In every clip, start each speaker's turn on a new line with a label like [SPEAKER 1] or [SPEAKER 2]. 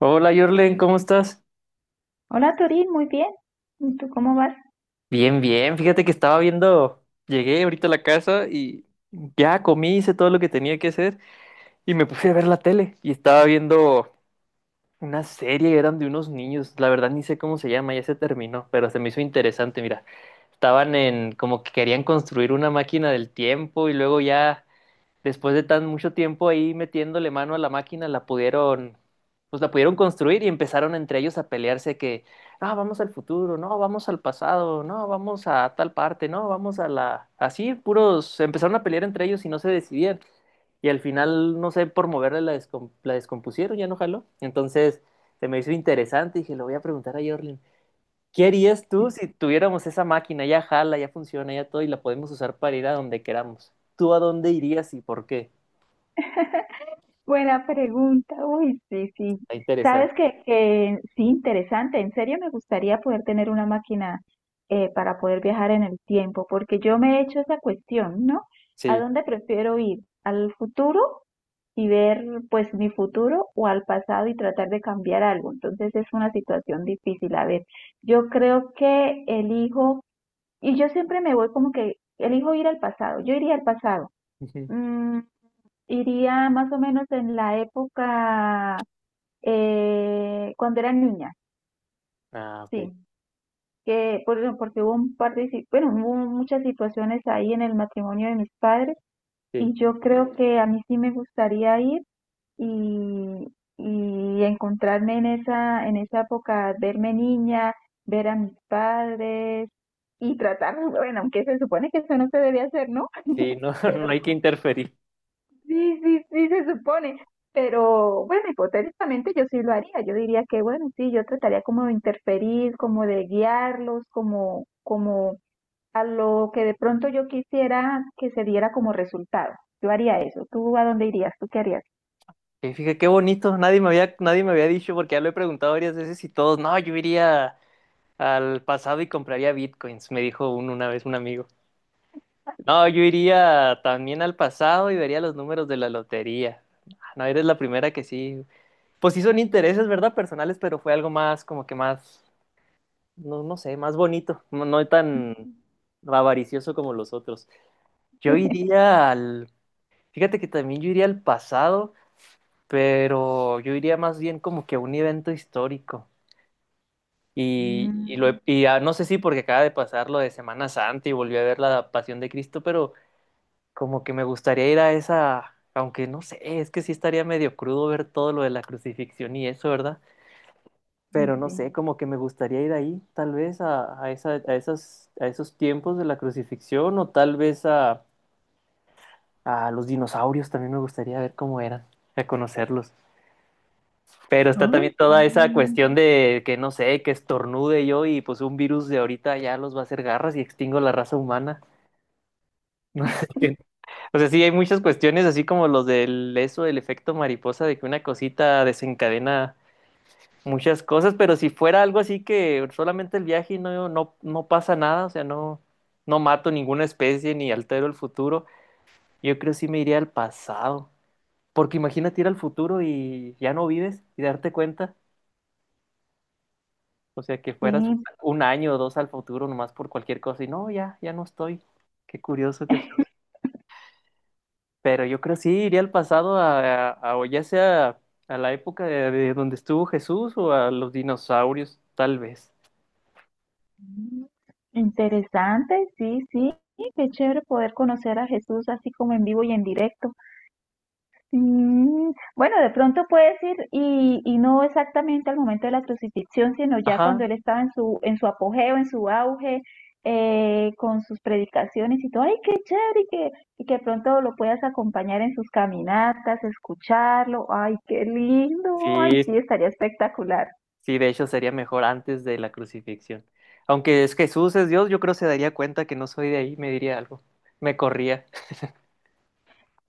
[SPEAKER 1] Hola, Jorlen, ¿cómo estás?
[SPEAKER 2] Hola Turín, muy bien. ¿Y tú cómo vas?
[SPEAKER 1] Bien, bien. Fíjate que estaba viendo, llegué ahorita a la casa y ya comí, hice todo lo que tenía que hacer y me puse a ver la tele y estaba viendo una serie, eran de unos niños, la verdad ni sé cómo se llama, ya se terminó, pero se me hizo interesante, mira. Estaban en como que querían construir una máquina del tiempo y luego ya después de tan mucho tiempo ahí metiéndole mano a la máquina, la pudieron, pues la pudieron construir y empezaron entre ellos a pelearse que, ah, vamos al futuro, no, vamos al pasado, no, vamos a tal parte, no, vamos a la... Así, puros, empezaron a pelear entre ellos y no se decidían. Y al final, no sé, por moverle la, la descompusieron, ya no jaló. Entonces, se me hizo interesante y dije, lo voy a preguntar a Jorlin. ¿Qué harías tú si tuviéramos esa máquina? Ya jala, ya funciona, ya todo y la podemos usar para ir a donde queramos. ¿Tú a dónde irías y por qué?
[SPEAKER 2] Buena pregunta. Uy, sí, sí.
[SPEAKER 1] Está interesante.
[SPEAKER 2] Sabes que sí, interesante. En serio, me gustaría poder tener una máquina para poder viajar en el tiempo, porque yo me he hecho esa cuestión, ¿no? ¿A
[SPEAKER 1] Sí.
[SPEAKER 2] dónde prefiero ir? ¿Al futuro y ver, pues, mi futuro, o al pasado y tratar de cambiar algo? Entonces es una situación difícil. A ver, yo creo que elijo, y yo siempre me voy como que elijo ir al pasado. Yo iría al pasado.
[SPEAKER 1] Ujú.
[SPEAKER 2] Mm, Iría más o menos en la época cuando era niña,
[SPEAKER 1] Ah, ok.
[SPEAKER 2] sí, porque hubo un par de, si- bueno, hubo muchas situaciones ahí en el matrimonio de mis padres,
[SPEAKER 1] Sí.
[SPEAKER 2] y yo creo que a mí sí me gustaría ir y, y encontrarme en esa época, verme niña, ver a mis padres y tratar, bueno, aunque se supone que eso no se debe hacer, ¿no?
[SPEAKER 1] Sí, no, no hay que interferir.
[SPEAKER 2] Sí, sí, sí, se supone. Pero bueno, hipotéticamente yo sí lo haría. Yo diría que, bueno, sí, yo trataría como de interferir, como de guiarlos, como, como a lo que de pronto yo quisiera que se diera como resultado. Yo haría eso. ¿Tú a dónde irías? ¿Tú qué harías?
[SPEAKER 1] Fíjate qué bonito. Nadie me había dicho, porque ya lo he preguntado varias veces y todos, no, yo iría al pasado y compraría bitcoins, me dijo un una vez un amigo. No, yo iría también al pasado y vería los números de la lotería. Ah, no, eres la primera que sí. Pues sí son intereses, ¿verdad? Personales, pero fue algo más, como que más, no, no sé, más bonito. No, no tan avaricioso como los otros. Yo iría al Fíjate que también yo iría al pasado, pero yo iría más bien como que a un evento histórico. Y, lo,
[SPEAKER 2] Mm,
[SPEAKER 1] he- y ah, No sé si porque acaba de pasar lo de Semana Santa y volví a ver la Pasión de Cristo, pero como que me gustaría ir a esa, aunque no sé, es que sí estaría medio crudo ver todo lo de la crucifixión y eso, ¿verdad? Pero no
[SPEAKER 2] sí.
[SPEAKER 1] sé, como que me gustaría ir ahí, tal vez esa, esas, a esos tiempos de la crucifixión o tal vez a los dinosaurios, también me gustaría ver cómo eran, a conocerlos. Pero está
[SPEAKER 2] Ay,
[SPEAKER 1] también toda esa
[SPEAKER 2] sí,
[SPEAKER 1] cuestión de que no sé, que estornude yo y pues un virus de ahorita ya los va a hacer garras y extingo la raza humana. No sé qué. O sea, sí hay muchas cuestiones así como los del eso, el efecto mariposa, de que una cosita desencadena muchas cosas, pero si fuera algo así que solamente el viaje y no, no, no pasa nada, o sea, no, no mato ninguna especie ni altero el futuro, yo creo sí me iría al pasado. Porque imagínate ir al futuro y ya no vives y darte cuenta. O sea, que fueras
[SPEAKER 2] sí.
[SPEAKER 1] un año o dos al futuro nomás por cualquier cosa y no, ya, ya no estoy. Qué curioso, qué feo. Pero yo creo sí iría al pasado o ya sea a la época de donde estuvo Jesús o a los dinosaurios, tal vez.
[SPEAKER 2] Sí. Interesante, sí, sí. Qué chévere poder conocer a Jesús así como en vivo y en directo. Mm, bueno, de pronto puedes ir y no exactamente al momento de la crucifixión, sino ya cuando
[SPEAKER 1] Ajá.
[SPEAKER 2] él estaba en su apogeo, en su auge, con sus predicaciones y todo. ¡Ay, qué chévere! Y que de pronto lo puedas acompañar en sus caminatas, escucharlo, ¡ay, qué lindo! ¡Ay, sí,
[SPEAKER 1] Sí,
[SPEAKER 2] estaría espectacular!
[SPEAKER 1] sí, de hecho sería mejor antes de la crucifixión. Aunque es Jesús es Dios, yo creo se daría cuenta que no soy de ahí, me diría algo. Me corría.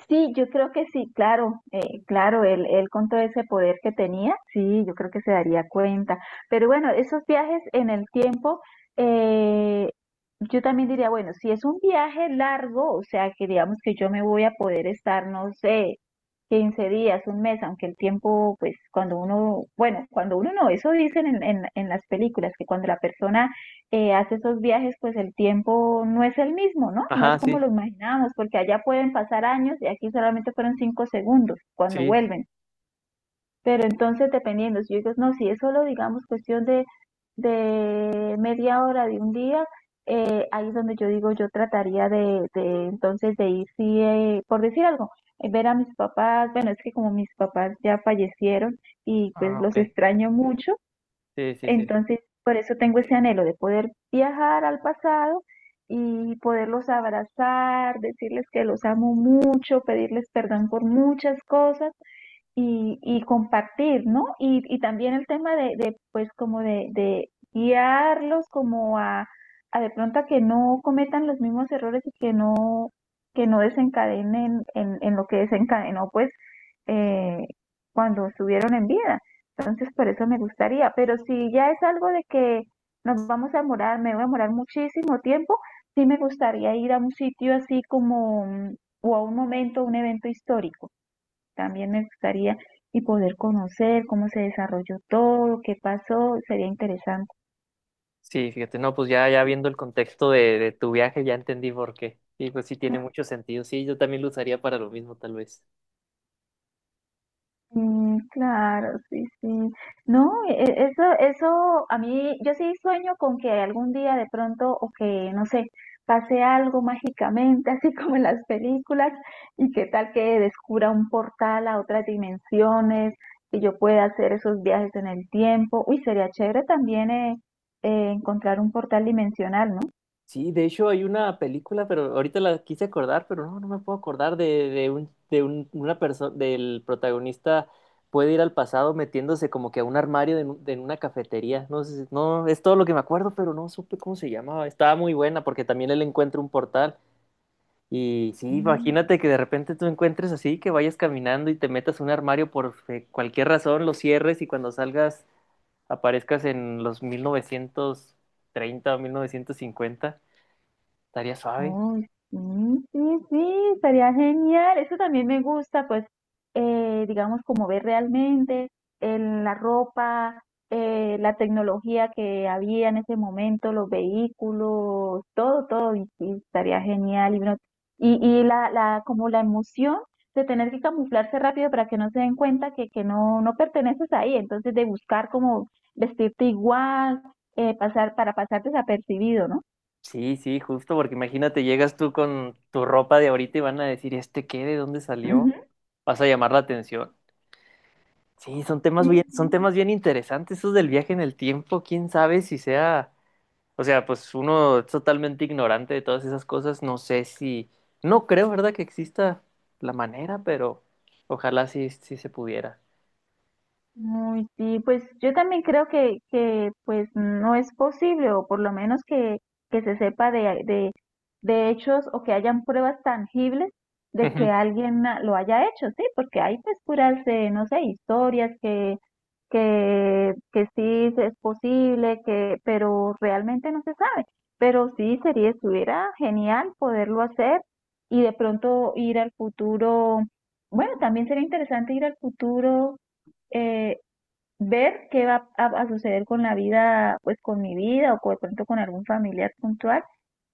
[SPEAKER 2] Sí, yo creo que sí, claro, claro, él con todo ese poder que tenía, sí, yo creo que se daría cuenta. Pero bueno, esos viajes en el tiempo, eh, yo también diría, bueno, si es un viaje largo, o sea, que digamos que yo me voy a poder estar, no sé, 15 días, un mes, aunque el tiempo, pues cuando uno, bueno, cuando uno no, eso dicen en las películas, que cuando la persona hace esos viajes, pues el tiempo no es el mismo, ¿no? No
[SPEAKER 1] Ajá,
[SPEAKER 2] es como
[SPEAKER 1] sí,
[SPEAKER 2] lo imaginábamos, porque allá pueden pasar años y aquí solamente fueron 5 segundos cuando
[SPEAKER 1] sí.
[SPEAKER 2] vuelven. Pero entonces, dependiendo, si yo digo, no, si es solo, digamos, cuestión de media hora, de un día, ahí es donde yo digo, yo trataría de entonces de ir, sí, por decir algo, ver a mis papás, bueno, es que como mis papás ya fallecieron y
[SPEAKER 1] Ah,
[SPEAKER 2] pues los
[SPEAKER 1] ok.
[SPEAKER 2] extraño mucho,
[SPEAKER 1] Sí, sí, sí.
[SPEAKER 2] entonces, por eso tengo ese anhelo de poder viajar al pasado y poderlos abrazar, decirles que los amo mucho, pedirles perdón por muchas cosas y compartir, ¿no? Y también el tema de, pues como de guiarlos como a de pronto a que no cometan los mismos errores y que no desencadenen en lo que desencadenó pues eh, cuando estuvieron en vida. Entonces por eso me gustaría, pero si ya es algo de que nos vamos a morar, me voy a morar muchísimo tiempo, sí me gustaría ir a un sitio así como, mm, o a un momento, un evento histórico. También me gustaría y poder conocer cómo se desarrolló todo, qué pasó, sería interesante.
[SPEAKER 1] Sí, fíjate, no, pues ya, ya viendo el contexto de tu viaje, ya entendí por qué. Y pues sí tiene mucho sentido. Sí, yo también lo usaría para lo mismo, tal vez.
[SPEAKER 2] Mm, claro, sí, sí. No, eso, eso, a mí, yo sí sueño con que algún día de pronto, o que, no sé, pase algo mágicamente, así como en las películas, y qué tal que descubra un portal a otras dimensiones, que yo pueda hacer esos viajes en el tiempo. Uy, sería chévere también encontrar un portal dimensional,
[SPEAKER 1] Sí, de hecho hay una película, pero ahorita la quise acordar, pero no, no me puedo acordar una persona, del protagonista puede ir al pasado metiéndose como que a un armario de, en una cafetería. No sé, no, es todo lo que me acuerdo, pero no supe cómo se llamaba. Estaba muy buena porque también él encuentra un portal. Y sí,
[SPEAKER 2] ¿no?
[SPEAKER 1] imagínate que de repente tú encuentres así, que vayas caminando y te metas a un armario por cualquier razón, lo cierres y cuando salgas aparezcas en los 1930 o 1950. Estaría suave.
[SPEAKER 2] Oh, sí, sí, sí, estaría genial. Eso también me gusta, pues, digamos, como ver realmente en la ropa, la tecnología que había en ese momento, los vehículos, todo, todo, y, sí, estaría genial. Y, y la, como la emoción de tener que camuflarse rápido para que no se den cuenta que no, no perteneces ahí, entonces de buscar como vestirte igual, para pasar desapercibido, ¿no?
[SPEAKER 1] Sí, sí, justo, porque imagínate, llegas tú con tu ropa de ahorita y van a decir, ¿este qué? ¿De dónde salió?
[SPEAKER 2] Ujú.
[SPEAKER 1] Vas a llamar la atención.
[SPEAKER 2] Sí,
[SPEAKER 1] Son
[SPEAKER 2] sí.
[SPEAKER 1] temas bien interesantes, esos del viaje en el tiempo. ¿Quién sabe si sea o sea, pues uno es totalmente ignorante de todas esas cosas? No sé si, no creo, ¿verdad? Que exista la manera, pero ojalá sí, sí se pudiera.
[SPEAKER 2] Muy, sí, pues yo también creo que pues no es posible, o por lo menos que se sepa de hechos o que hayan pruebas tangibles de que
[SPEAKER 1] Ujú.
[SPEAKER 2] alguien ah, lo haya hecho, sí, porque hay pues puras, no sé, historias que sí es posible, que, pero realmente no se sabe. Pero sí sería, estuviera genial poderlo hacer y de pronto ir al futuro. Bueno, también sería interesante ir al futuro, eh, ver qué va a suceder con la vida, pues con mi vida o de pronto con algún familiar puntual,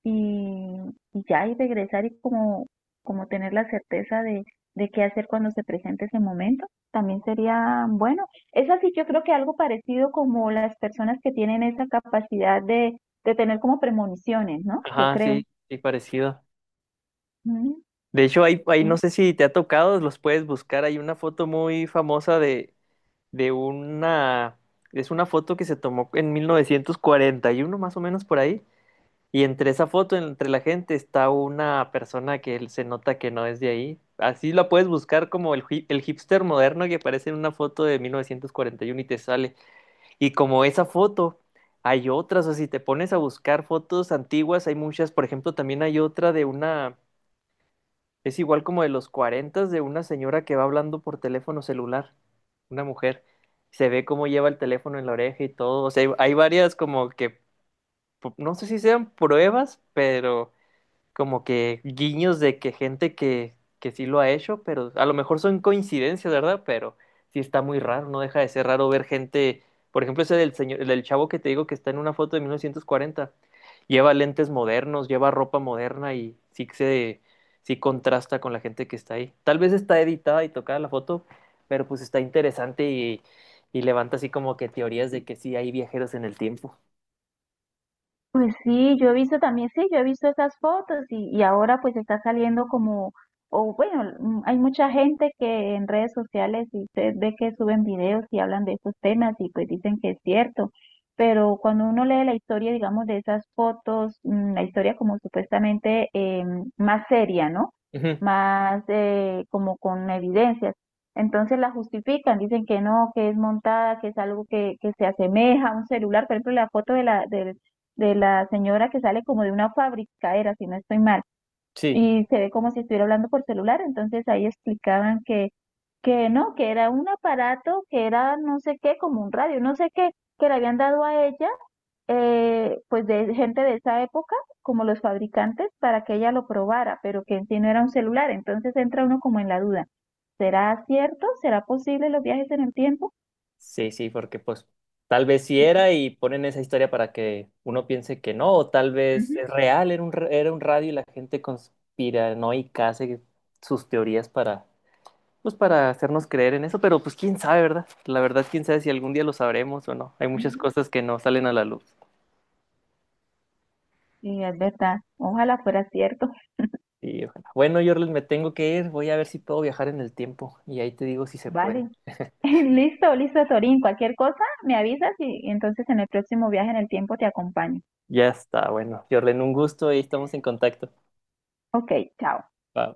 [SPEAKER 2] y, y ya y regresar y como, como tener la certeza de qué hacer cuando se presente ese momento, también sería bueno. Es así, yo creo que algo parecido como las personas que tienen esa capacidad de tener como premoniciones, ¿no? Yo
[SPEAKER 1] Ajá,
[SPEAKER 2] creo.
[SPEAKER 1] sí, sí, parecido.
[SPEAKER 2] Mm,
[SPEAKER 1] De hecho, hay, no
[SPEAKER 2] sí.
[SPEAKER 1] sé si te ha tocado, los puedes buscar. Hay una foto muy famosa de una, es una foto que se tomó en 1941 más o menos por ahí, y entre esa foto, entre la gente, está una persona se nota que no es de ahí. Así la puedes buscar como el hipster moderno que aparece en una foto de 1941 y uno y te sale. Y como esa foto, hay otras. O si te pones a buscar fotos antiguas, hay muchas. Por ejemplo, también hay otra de una, es igual como de los 40 de una señora que va hablando por teléfono celular. Una mujer. Se ve cómo lleva el teléfono en la oreja y todo. O sea, hay varias como que, no sé si sean pruebas, pero como que guiños de que gente que sí lo ha hecho, pero a lo mejor son coincidencias, ¿verdad? Pero sí está muy raro, no deja de ser raro ver gente, por ejemplo, ese del señor, el del chavo que te digo que está en una foto de 1940, lleva lentes modernos, lleva ropa moderna y sí que se sí contrasta con la gente que está ahí. Tal vez está editada y tocada la foto, pero pues está interesante y levanta así como que teorías de que sí hay viajeros en el tiempo.
[SPEAKER 2] Pues sí, yo he visto también, sí, yo he visto esas fotos y ahora pues está saliendo como, o bueno, mm, hay mucha gente que en redes sociales y se ve que suben videos y hablan de esos temas y pues dicen que es cierto, pero cuando uno lee la historia, digamos, de esas fotos, mm, la historia como supuestamente más seria, ¿no?
[SPEAKER 1] Ujú,
[SPEAKER 2] Más como con evidencias. Entonces la justifican, dicen que no, que es montada, que es algo que se asemeja a un celular. Por ejemplo, la foto de la, del de la señora que sale como de una fábrica, era, si no estoy mal,
[SPEAKER 1] sí.
[SPEAKER 2] y se ve como si estuviera hablando por celular, entonces ahí explicaban que no, que era un aparato, que era no sé qué, como un radio, no sé qué, que le habían dado a ella, pues de gente de esa época, como los fabricantes, para que ella lo probara, pero que en sí no era un celular, entonces entra uno como en la duda, ¿será cierto? ¿Será posible los viajes en el tiempo?
[SPEAKER 1] Sí, sí, porque pues tal vez sí era y ponen esa historia para que uno piense que no, o tal vez es
[SPEAKER 2] Ujú,
[SPEAKER 1] real, era un, era un radio y la gente conspiranoica hace sus teorías para, pues para hacernos creer en eso, pero pues quién sabe, ¿verdad? La verdad, quién sabe si algún día lo sabremos o no. Hay muchas
[SPEAKER 2] ujú.
[SPEAKER 1] cosas que no salen a la luz.
[SPEAKER 2] Y es verdad, ojalá fuera cierto.
[SPEAKER 1] Y ojalá. Bueno, yo me tengo que ir, voy a ver si puedo viajar en el tiempo y ahí te digo si se puede.
[SPEAKER 2] Vale. Listo, listo, Torín. Cualquier cosa, me avisas y entonces en el próximo viaje en el tiempo te acompaño.
[SPEAKER 1] Ya está, bueno, Jorlen, un gusto y estamos en contacto.
[SPEAKER 2] Ok, chao.
[SPEAKER 1] Bye.